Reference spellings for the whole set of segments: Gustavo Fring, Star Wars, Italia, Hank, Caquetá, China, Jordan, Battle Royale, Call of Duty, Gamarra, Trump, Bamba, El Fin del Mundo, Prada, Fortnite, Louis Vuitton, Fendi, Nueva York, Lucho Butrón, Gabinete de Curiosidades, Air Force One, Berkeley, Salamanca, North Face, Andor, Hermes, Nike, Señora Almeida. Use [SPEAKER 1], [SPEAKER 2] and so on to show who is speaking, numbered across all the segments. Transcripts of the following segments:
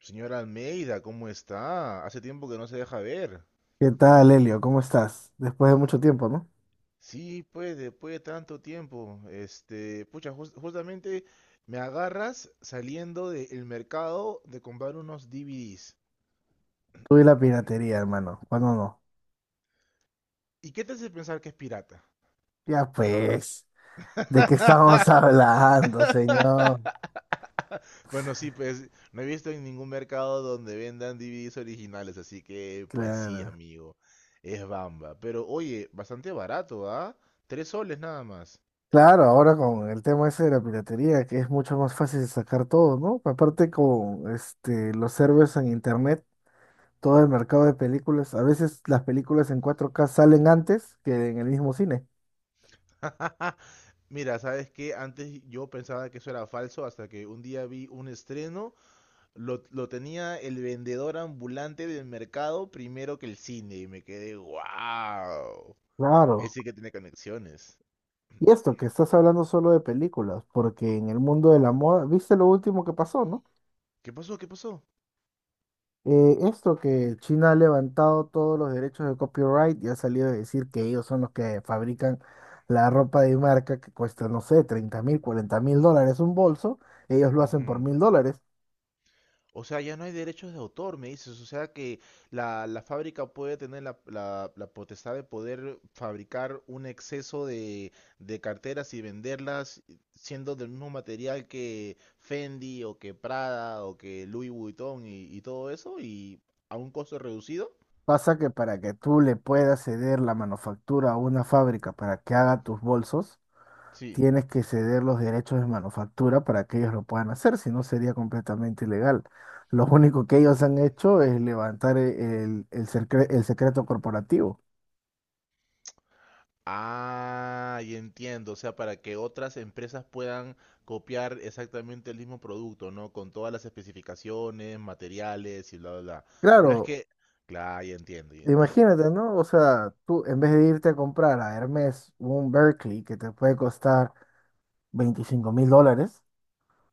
[SPEAKER 1] Señora Almeida, ¿cómo está? Hace tiempo que no se deja ver.
[SPEAKER 2] ¿Qué tal, Elio? ¿Cómo estás? Después de mucho tiempo, ¿no?
[SPEAKER 1] Sí, pues, después de tanto tiempo, pucha, justamente me agarras saliendo del mercado de comprar unos DVDs.
[SPEAKER 2] Tú y la piratería, hermano. ¿Cuándo no?
[SPEAKER 1] ¿Y qué te hace pensar que es pirata?
[SPEAKER 2] Ya pues, ¿de qué estamos hablando, señor?
[SPEAKER 1] Bueno, sí, pues, no he visto en ningún mercado donde vendan DVDs originales, así que, pues sí,
[SPEAKER 2] Claro.
[SPEAKER 1] amigo, es Bamba. Pero, oye, bastante barato, ¿ah? 3 soles nada más.
[SPEAKER 2] Claro, ahora con el tema ese de la piratería, que es mucho más fácil de sacar todo, ¿no? Aparte con los servers en internet, todo el mercado de películas, a veces las películas en 4K salen antes que en el mismo cine.
[SPEAKER 1] Mira, sabes que antes yo pensaba que eso era falso hasta que un día vi un estreno, lo tenía el vendedor ambulante del mercado primero que el cine y me quedé, wow.
[SPEAKER 2] Claro.
[SPEAKER 1] Ese que tiene conexiones.
[SPEAKER 2] Y esto, que estás hablando solo de películas, porque en el mundo de la moda, ¿viste lo último que pasó, no?
[SPEAKER 1] ¿Qué pasó? ¿Qué pasó?
[SPEAKER 2] Esto que China ha levantado todos los derechos de copyright y ha salido a decir que ellos son los que fabrican la ropa de marca que cuesta, no sé, 30.000, 40.000 dólares un bolso, ellos lo hacen por
[SPEAKER 1] Ujú.
[SPEAKER 2] 1.000 dólares.
[SPEAKER 1] O sea, ya no hay derechos de autor, me dices. O sea que la fábrica puede tener la potestad de poder fabricar un exceso de carteras y venderlas siendo del mismo material que Fendi o que Prada o que Louis Vuitton y todo eso y a un costo reducido.
[SPEAKER 2] Pasa que para que tú le puedas ceder la manufactura a una fábrica para que haga tus bolsos,
[SPEAKER 1] Sí.
[SPEAKER 2] tienes que ceder los derechos de manufactura para que ellos lo puedan hacer, si no sería completamente ilegal. Lo único que ellos han hecho es levantar el secreto corporativo.
[SPEAKER 1] Ah, y entiendo, o sea, para que otras empresas puedan copiar exactamente el mismo producto, ¿no? Con todas las especificaciones, materiales y bla, bla, bla. No es
[SPEAKER 2] Claro.
[SPEAKER 1] que, claro, ya entiendo, ya entiendo.
[SPEAKER 2] Imagínate, ¿no? O sea, tú en vez de irte a comprar a Hermes un Berkeley que te puede costar 25.000 dólares,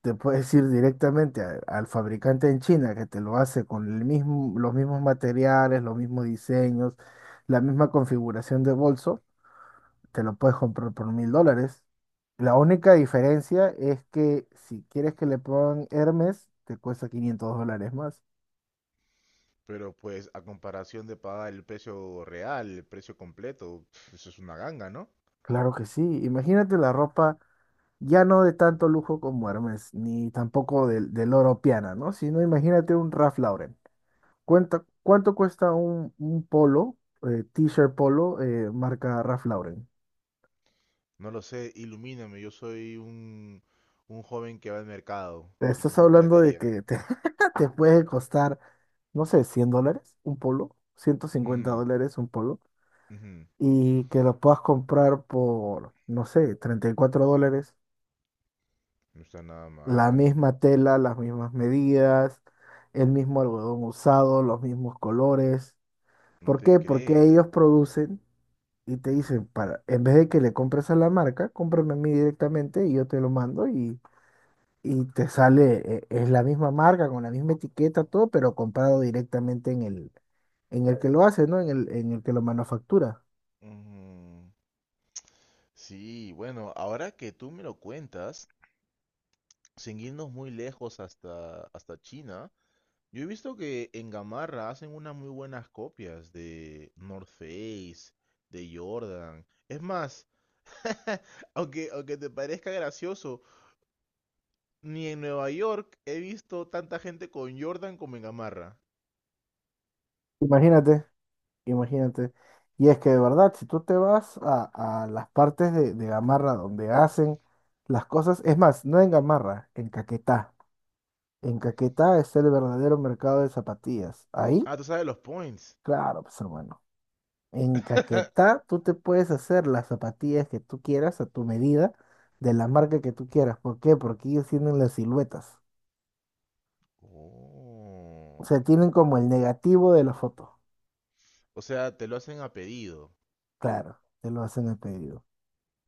[SPEAKER 2] te puedes ir directamente al fabricante en China que te lo hace con el mismo, los mismos materiales, los mismos diseños, la misma configuración de bolso, te lo puedes comprar por 1.000 dólares. La única diferencia es que si quieres que le pongan Hermes, te cuesta 500 dólares más.
[SPEAKER 1] Pero pues a comparación de pagar el precio real, el precio completo, pf, eso es una ganga, ¿no?
[SPEAKER 2] Claro que sí. Imagínate la ropa. Ya no de tanto lujo como Hermes, ni tampoco del oro piana, ¿no? Sino imagínate un Ralph Lauren. Cuenta, ¿cuánto cuesta un polo, t-shirt polo, marca Ralph Lauren?
[SPEAKER 1] No lo sé, ilumíname, yo soy un joven que va al mercado
[SPEAKER 2] Te
[SPEAKER 1] y
[SPEAKER 2] estás
[SPEAKER 1] compra
[SPEAKER 2] hablando de
[SPEAKER 1] piratería.
[SPEAKER 2] que te, te puede costar, no sé, 100 dólares un polo, ciento cincuenta
[SPEAKER 1] Ujú,
[SPEAKER 2] dólares un polo,
[SPEAKER 1] ujú,
[SPEAKER 2] y que lo puedas comprar por, no sé, 34 dólares,
[SPEAKER 1] no está nada
[SPEAKER 2] la
[SPEAKER 1] mal,
[SPEAKER 2] misma tela, las mismas medidas, el mismo algodón usado, los mismos colores.
[SPEAKER 1] no
[SPEAKER 2] ¿Por
[SPEAKER 1] te
[SPEAKER 2] qué? Porque
[SPEAKER 1] creo.
[SPEAKER 2] ellos producen y te dicen, para, en vez de que le compres a la marca, cómprame a mí directamente y yo te lo mando y te sale, es la misma marca, con la misma etiqueta, todo, pero comprado directamente en el que lo hace, ¿no? En el que lo manufactura.
[SPEAKER 1] Ujú. Sí, bueno, ahora que tú me lo cuentas, sin irnos muy lejos hasta China, yo he visto que en Gamarra hacen unas muy buenas copias de North Face, de Jordan. Es más, aunque te parezca gracioso, ni en Nueva York he visto tanta gente con Jordan como en Gamarra.
[SPEAKER 2] Imagínate, imagínate. Y es que de verdad, si tú te vas a, las partes de Gamarra donde hacen las cosas, es más, no en Gamarra, en Caquetá. En Caquetá está el verdadero mercado de zapatillas. Ahí
[SPEAKER 1] Ah, tú sabes los points.
[SPEAKER 2] claro, pues hermano. En Caquetá tú te puedes hacer las zapatillas que tú quieras a tu medida, de la marca que tú quieras. ¿Por qué? Porque ellos tienen las siluetas.
[SPEAKER 1] Oh.
[SPEAKER 2] O sea, tienen como el negativo de la foto.
[SPEAKER 1] O sea, te lo hacen a pedido.
[SPEAKER 2] Claro, te lo hacen el pedido.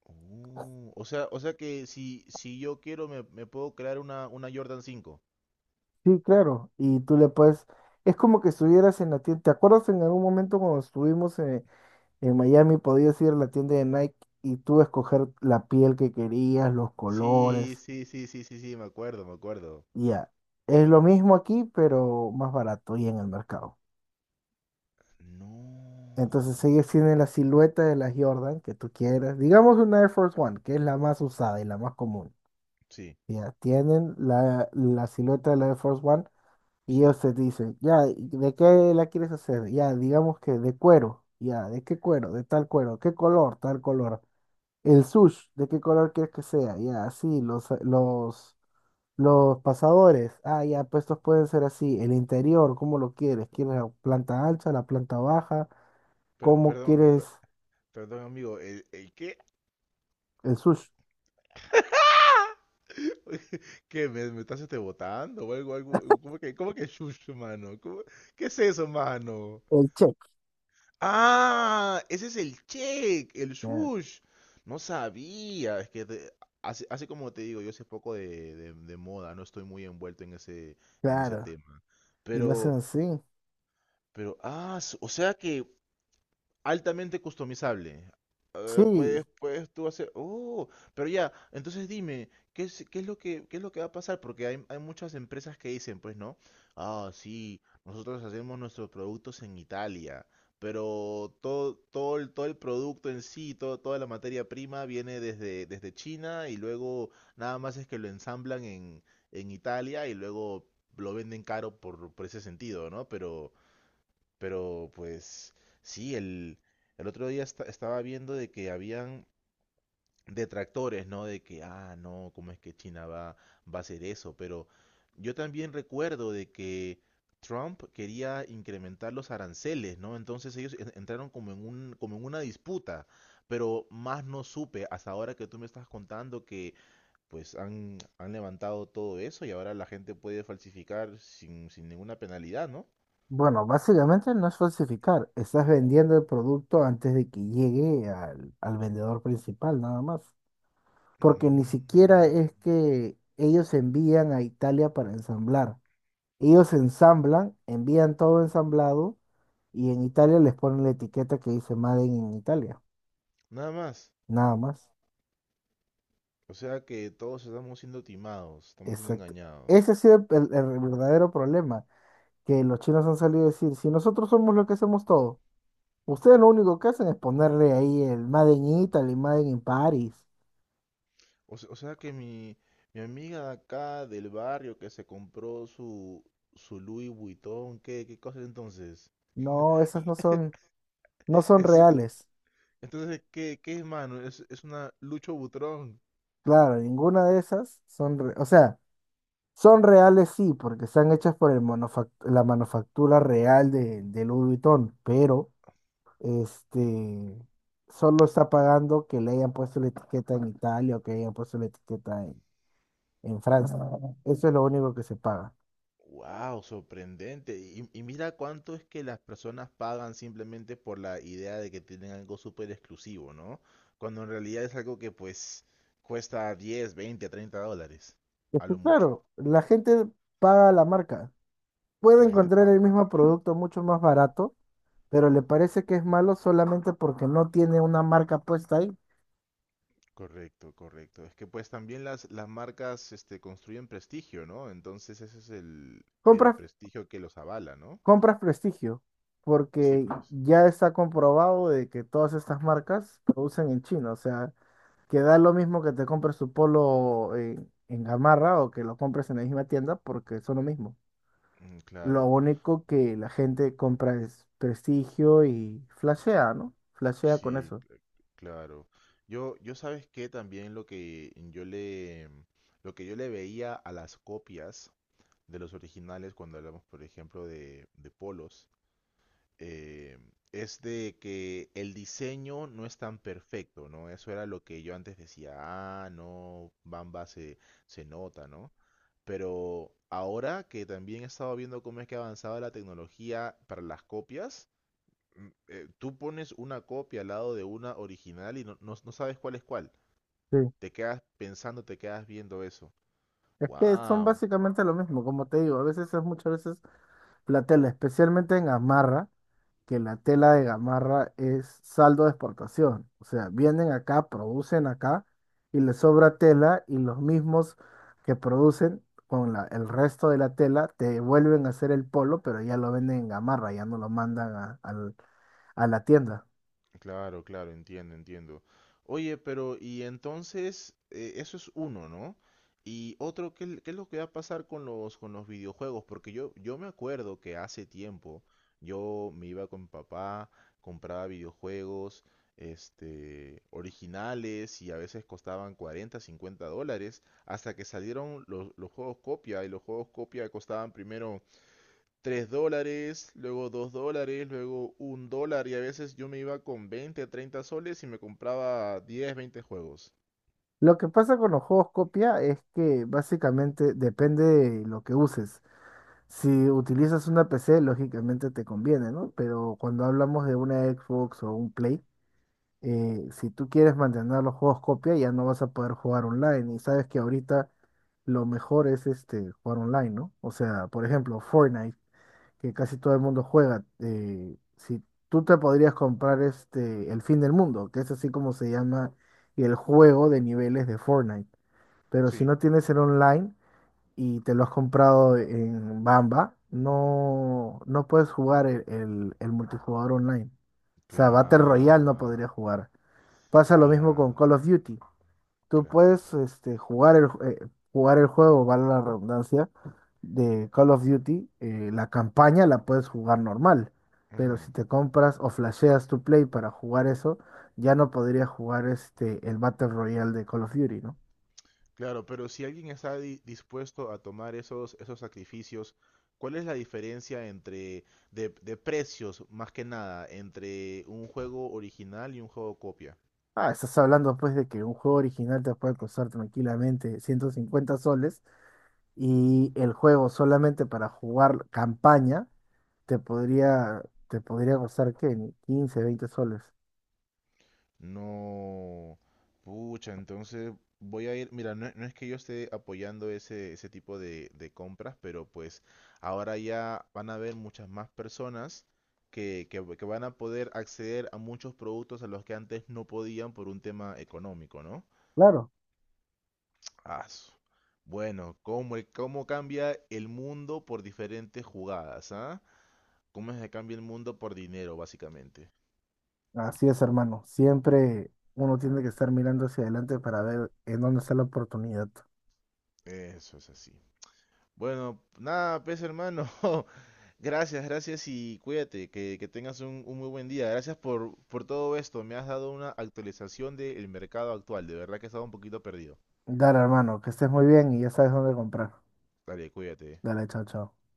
[SPEAKER 1] O sea que si yo quiero me puedo crear una Jordan 5.
[SPEAKER 2] Sí, claro. Y tú le puedes... Es como que estuvieras en la tienda. ¿Te acuerdas en algún momento cuando estuvimos en Miami, podías ir a la tienda de Nike y tú escoger la piel que querías, los
[SPEAKER 1] Sí,
[SPEAKER 2] colores?
[SPEAKER 1] sí, sí, sí, sí, sí, me acuerdo, me acuerdo.
[SPEAKER 2] Ya. Es lo mismo aquí, pero más barato y en el mercado. Entonces
[SPEAKER 1] No.
[SPEAKER 2] ellos tienen la silueta de la Jordan que tú quieras. Digamos una Air Force One, que es la más usada y la más común.
[SPEAKER 1] Sí,
[SPEAKER 2] Ya, tienen la silueta de la Air Force One y
[SPEAKER 1] sí.
[SPEAKER 2] ellos te dicen, ya, ¿de qué la quieres hacer? Ya, digamos que de cuero. Ya, ¿de qué cuero? De tal cuero. ¿Qué color? Tal color. El sush, ¿de qué color quieres que sea? Ya, así, los pasadores. Ah, ya, pues estos pueden ser así. El interior, ¿cómo lo quieres? ¿Quieres la planta alta, la planta baja?
[SPEAKER 1] Per-
[SPEAKER 2] ¿Cómo
[SPEAKER 1] perdón,
[SPEAKER 2] quieres?
[SPEAKER 1] per- perdón, amigo, ¿el qué?
[SPEAKER 2] El sushi,
[SPEAKER 1] ¿Qué me estás botando o algo, algo? ¿Cómo que chucho, mano? ¿Qué es eso, mano?
[SPEAKER 2] el check,
[SPEAKER 1] Ah, ese es el check, el
[SPEAKER 2] claro,
[SPEAKER 1] sush. No sabía, es que así como te digo, yo sé poco de moda, no estoy muy envuelto en ese
[SPEAKER 2] claro.
[SPEAKER 1] tema.
[SPEAKER 2] Y lo hacen
[SPEAKER 1] Pero,
[SPEAKER 2] así.
[SPEAKER 1] pero, o sea que altamente customizable.
[SPEAKER 2] Sí,
[SPEAKER 1] Puedes tú hacer. Oh, pero ya, entonces dime, qué es lo que, qué es lo que va a pasar? Porque hay muchas empresas que dicen, pues, ¿no? Ah, sí, nosotros hacemos nuestros productos en Italia, pero todo el producto en sí, toda la materia prima viene desde China y luego nada más es que lo ensamblan en Italia y luego lo venden caro por ese sentido, ¿no? Pero. Pero pues sí, el otro día estaba viendo de que habían detractores, ¿no? De que, no, ¿cómo es que China va a hacer eso? Pero yo también recuerdo de que Trump quería incrementar los aranceles, ¿no? Entonces ellos entraron como en una disputa, pero más no supe hasta ahora que tú me estás contando que pues han levantado todo eso y ahora la gente puede falsificar sin ninguna penalidad, ¿no?
[SPEAKER 2] bueno, básicamente no es falsificar, estás vendiendo el producto antes de que llegue al, al vendedor principal, nada más. Porque ni
[SPEAKER 1] Mm.
[SPEAKER 2] siquiera es que ellos envían a Italia para ensamblar. Ellos ensamblan, envían todo ensamblado y en Italia les ponen la etiqueta que dice Made in Italia,
[SPEAKER 1] Nada más.
[SPEAKER 2] nada más.
[SPEAKER 1] O sea que todos estamos siendo timados, estamos siendo
[SPEAKER 2] Exacto.
[SPEAKER 1] engañados.
[SPEAKER 2] Ese ha sido el verdadero problema que los chinos han salido a decir, si nosotros somos los que hacemos todo, ustedes lo único que hacen es ponerle ahí el Made in Italy, Made in Paris.
[SPEAKER 1] O sea que mi amiga de acá del barrio que se compró su Louis Vuitton, ¿qué cosa es entonces?
[SPEAKER 2] No, esas no son, no son
[SPEAKER 1] Es-
[SPEAKER 2] reales.
[SPEAKER 1] entonces, qué es, mano? Es una Lucho Butrón.
[SPEAKER 2] Claro, ninguna de esas son, o sea, son reales sí, porque están hechas por el la manufactura real de Louis Vuitton, pero este solo está pagando que le hayan puesto la etiqueta en Italia o que hayan puesto la etiqueta en Francia. Eso es lo único que se paga.
[SPEAKER 1] Wow, sorprendente. Y mira cuánto es que las personas pagan simplemente por la idea de que tienen algo súper exclusivo, ¿no? Cuando en realidad es algo que pues cuesta 10, 20, 30 dólares,
[SPEAKER 2] Es
[SPEAKER 1] a
[SPEAKER 2] que
[SPEAKER 1] lo mucho.
[SPEAKER 2] claro, la gente paga la marca. Puede
[SPEAKER 1] La gente
[SPEAKER 2] encontrar
[SPEAKER 1] paga
[SPEAKER 2] el
[SPEAKER 1] por la
[SPEAKER 2] mismo
[SPEAKER 1] marca.
[SPEAKER 2] producto mucho más barato, pero le parece que es malo solamente porque no tiene una marca puesta ahí.
[SPEAKER 1] Correcto, correcto. Es que pues también las marcas construyen prestigio, ¿no? Entonces ese es el
[SPEAKER 2] Compras,
[SPEAKER 1] prestigio que los avala, ¿no?
[SPEAKER 2] compras prestigio,
[SPEAKER 1] Sí,
[SPEAKER 2] porque
[SPEAKER 1] pues.
[SPEAKER 2] ya está comprobado de que todas estas marcas producen en China. O sea, que da lo mismo que te compres tu polo en Gamarra o que lo compres en la misma tienda, porque son lo mismo. Lo
[SPEAKER 1] Claro,
[SPEAKER 2] único que la gente compra es prestigio y flashea, ¿no? Flashea con
[SPEAKER 1] sí,
[SPEAKER 2] eso.
[SPEAKER 1] claro. Yo sabes que también lo que yo le veía a las copias de los originales cuando hablamos, por ejemplo, de polos, eh, es de que el diseño no es tan perfecto, ¿no? Eso era lo que yo antes decía, no, Bamba se nota, ¿no? Pero ahora que también he estado viendo cómo es que ha avanzado la tecnología para las copias, tú pones una copia al lado de una original y no sabes cuál es cuál.
[SPEAKER 2] Sí.
[SPEAKER 1] Te quedas pensando, te quedas viendo eso.
[SPEAKER 2] Es que son
[SPEAKER 1] ¡Wow!
[SPEAKER 2] básicamente lo mismo, como te digo, a veces es muchas veces la tela, especialmente en gamarra, que la tela de gamarra es saldo de exportación. O sea, vienen acá, producen acá y les sobra tela y los mismos que producen con el resto de la tela te vuelven a hacer el polo, pero ya lo venden en gamarra, ya no lo mandan a la tienda.
[SPEAKER 1] Claro, claro, entiendo, entiendo. Oye, pero y entonces, eso es uno, ¿no? Y otro, qué es lo que va a pasar con con los videojuegos? Porque yo me acuerdo que hace tiempo yo me iba con mi papá, compraba videojuegos, originales y a veces costaban 40, $50, hasta que salieron los juegos copia y los juegos copia costaban primero $3, luego $2, luego $1 y a veces yo me iba con 20, 30 soles y me compraba 10, 20 juegos.
[SPEAKER 2] Lo que pasa con los juegos copia es que básicamente depende de lo que uses. Si utilizas una PC, lógicamente te conviene, ¿no? Pero cuando hablamos de una Xbox o un Play, si tú quieres mantener los juegos copia, ya no vas a poder jugar online. Y sabes que ahorita lo mejor es jugar online, ¿no? O sea, por ejemplo, Fortnite, que casi todo el mundo juega. Si tú te podrías comprar El Fin del Mundo, que es así como se llama el juego de niveles de Fortnite. Pero si
[SPEAKER 1] Sí.
[SPEAKER 2] no tienes el online, y te lo has comprado en Bamba, no puedes jugar el multijugador online. O sea, Battle Royale no podría
[SPEAKER 1] Claro,
[SPEAKER 2] jugar. Pasa lo mismo con
[SPEAKER 1] claro,
[SPEAKER 2] Call of Duty. Tú
[SPEAKER 1] claro.
[SPEAKER 2] puedes jugar jugar el juego, vale la redundancia, de Call of Duty. La campaña la puedes jugar normal. Pero
[SPEAKER 1] Ujú.
[SPEAKER 2] si te compras o flasheas tu play para jugar eso, ya no podrías jugar el Battle Royale de Call of Duty, ¿no?
[SPEAKER 1] Claro, pero si alguien está dispuesto a tomar esos sacrificios, ¿cuál es la diferencia entre de precios, más que nada, entre un juego original y un juego copia?
[SPEAKER 2] Ah, estás hablando pues de que un juego original te puede costar tranquilamente 150 soles y el juego solamente para jugar campaña te podría, te podría costar ¿qué? Ni 15, 20 soles.
[SPEAKER 1] No, pucha, entonces voy a ir, mira, no, no es que yo esté apoyando ese tipo de compras, pero pues ahora ya van a haber muchas más personas que van a poder acceder a muchos productos a los que antes no podían por un tema económico, ¿no?
[SPEAKER 2] Claro,
[SPEAKER 1] Ah, su- Bueno, cómo cambia el mundo por diferentes jugadas, ¿ah? ¿Cómo es que cambia el mundo por dinero, básicamente?
[SPEAKER 2] así es, hermano. Siempre uno tiene que estar mirando hacia adelante para ver en dónde está la oportunidad.
[SPEAKER 1] Eso es así. Bueno, nada, pues hermano. Gracias, gracias y cuídate, que tengas un muy buen día. Gracias por todo esto. Me has dado una actualización del mercado actual. De verdad que estaba un poquito perdido.
[SPEAKER 2] Dale, hermano, que estés muy bien y ya sabes dónde comprar.
[SPEAKER 1] Dale, cuídate.
[SPEAKER 2] Dale, chao, chao.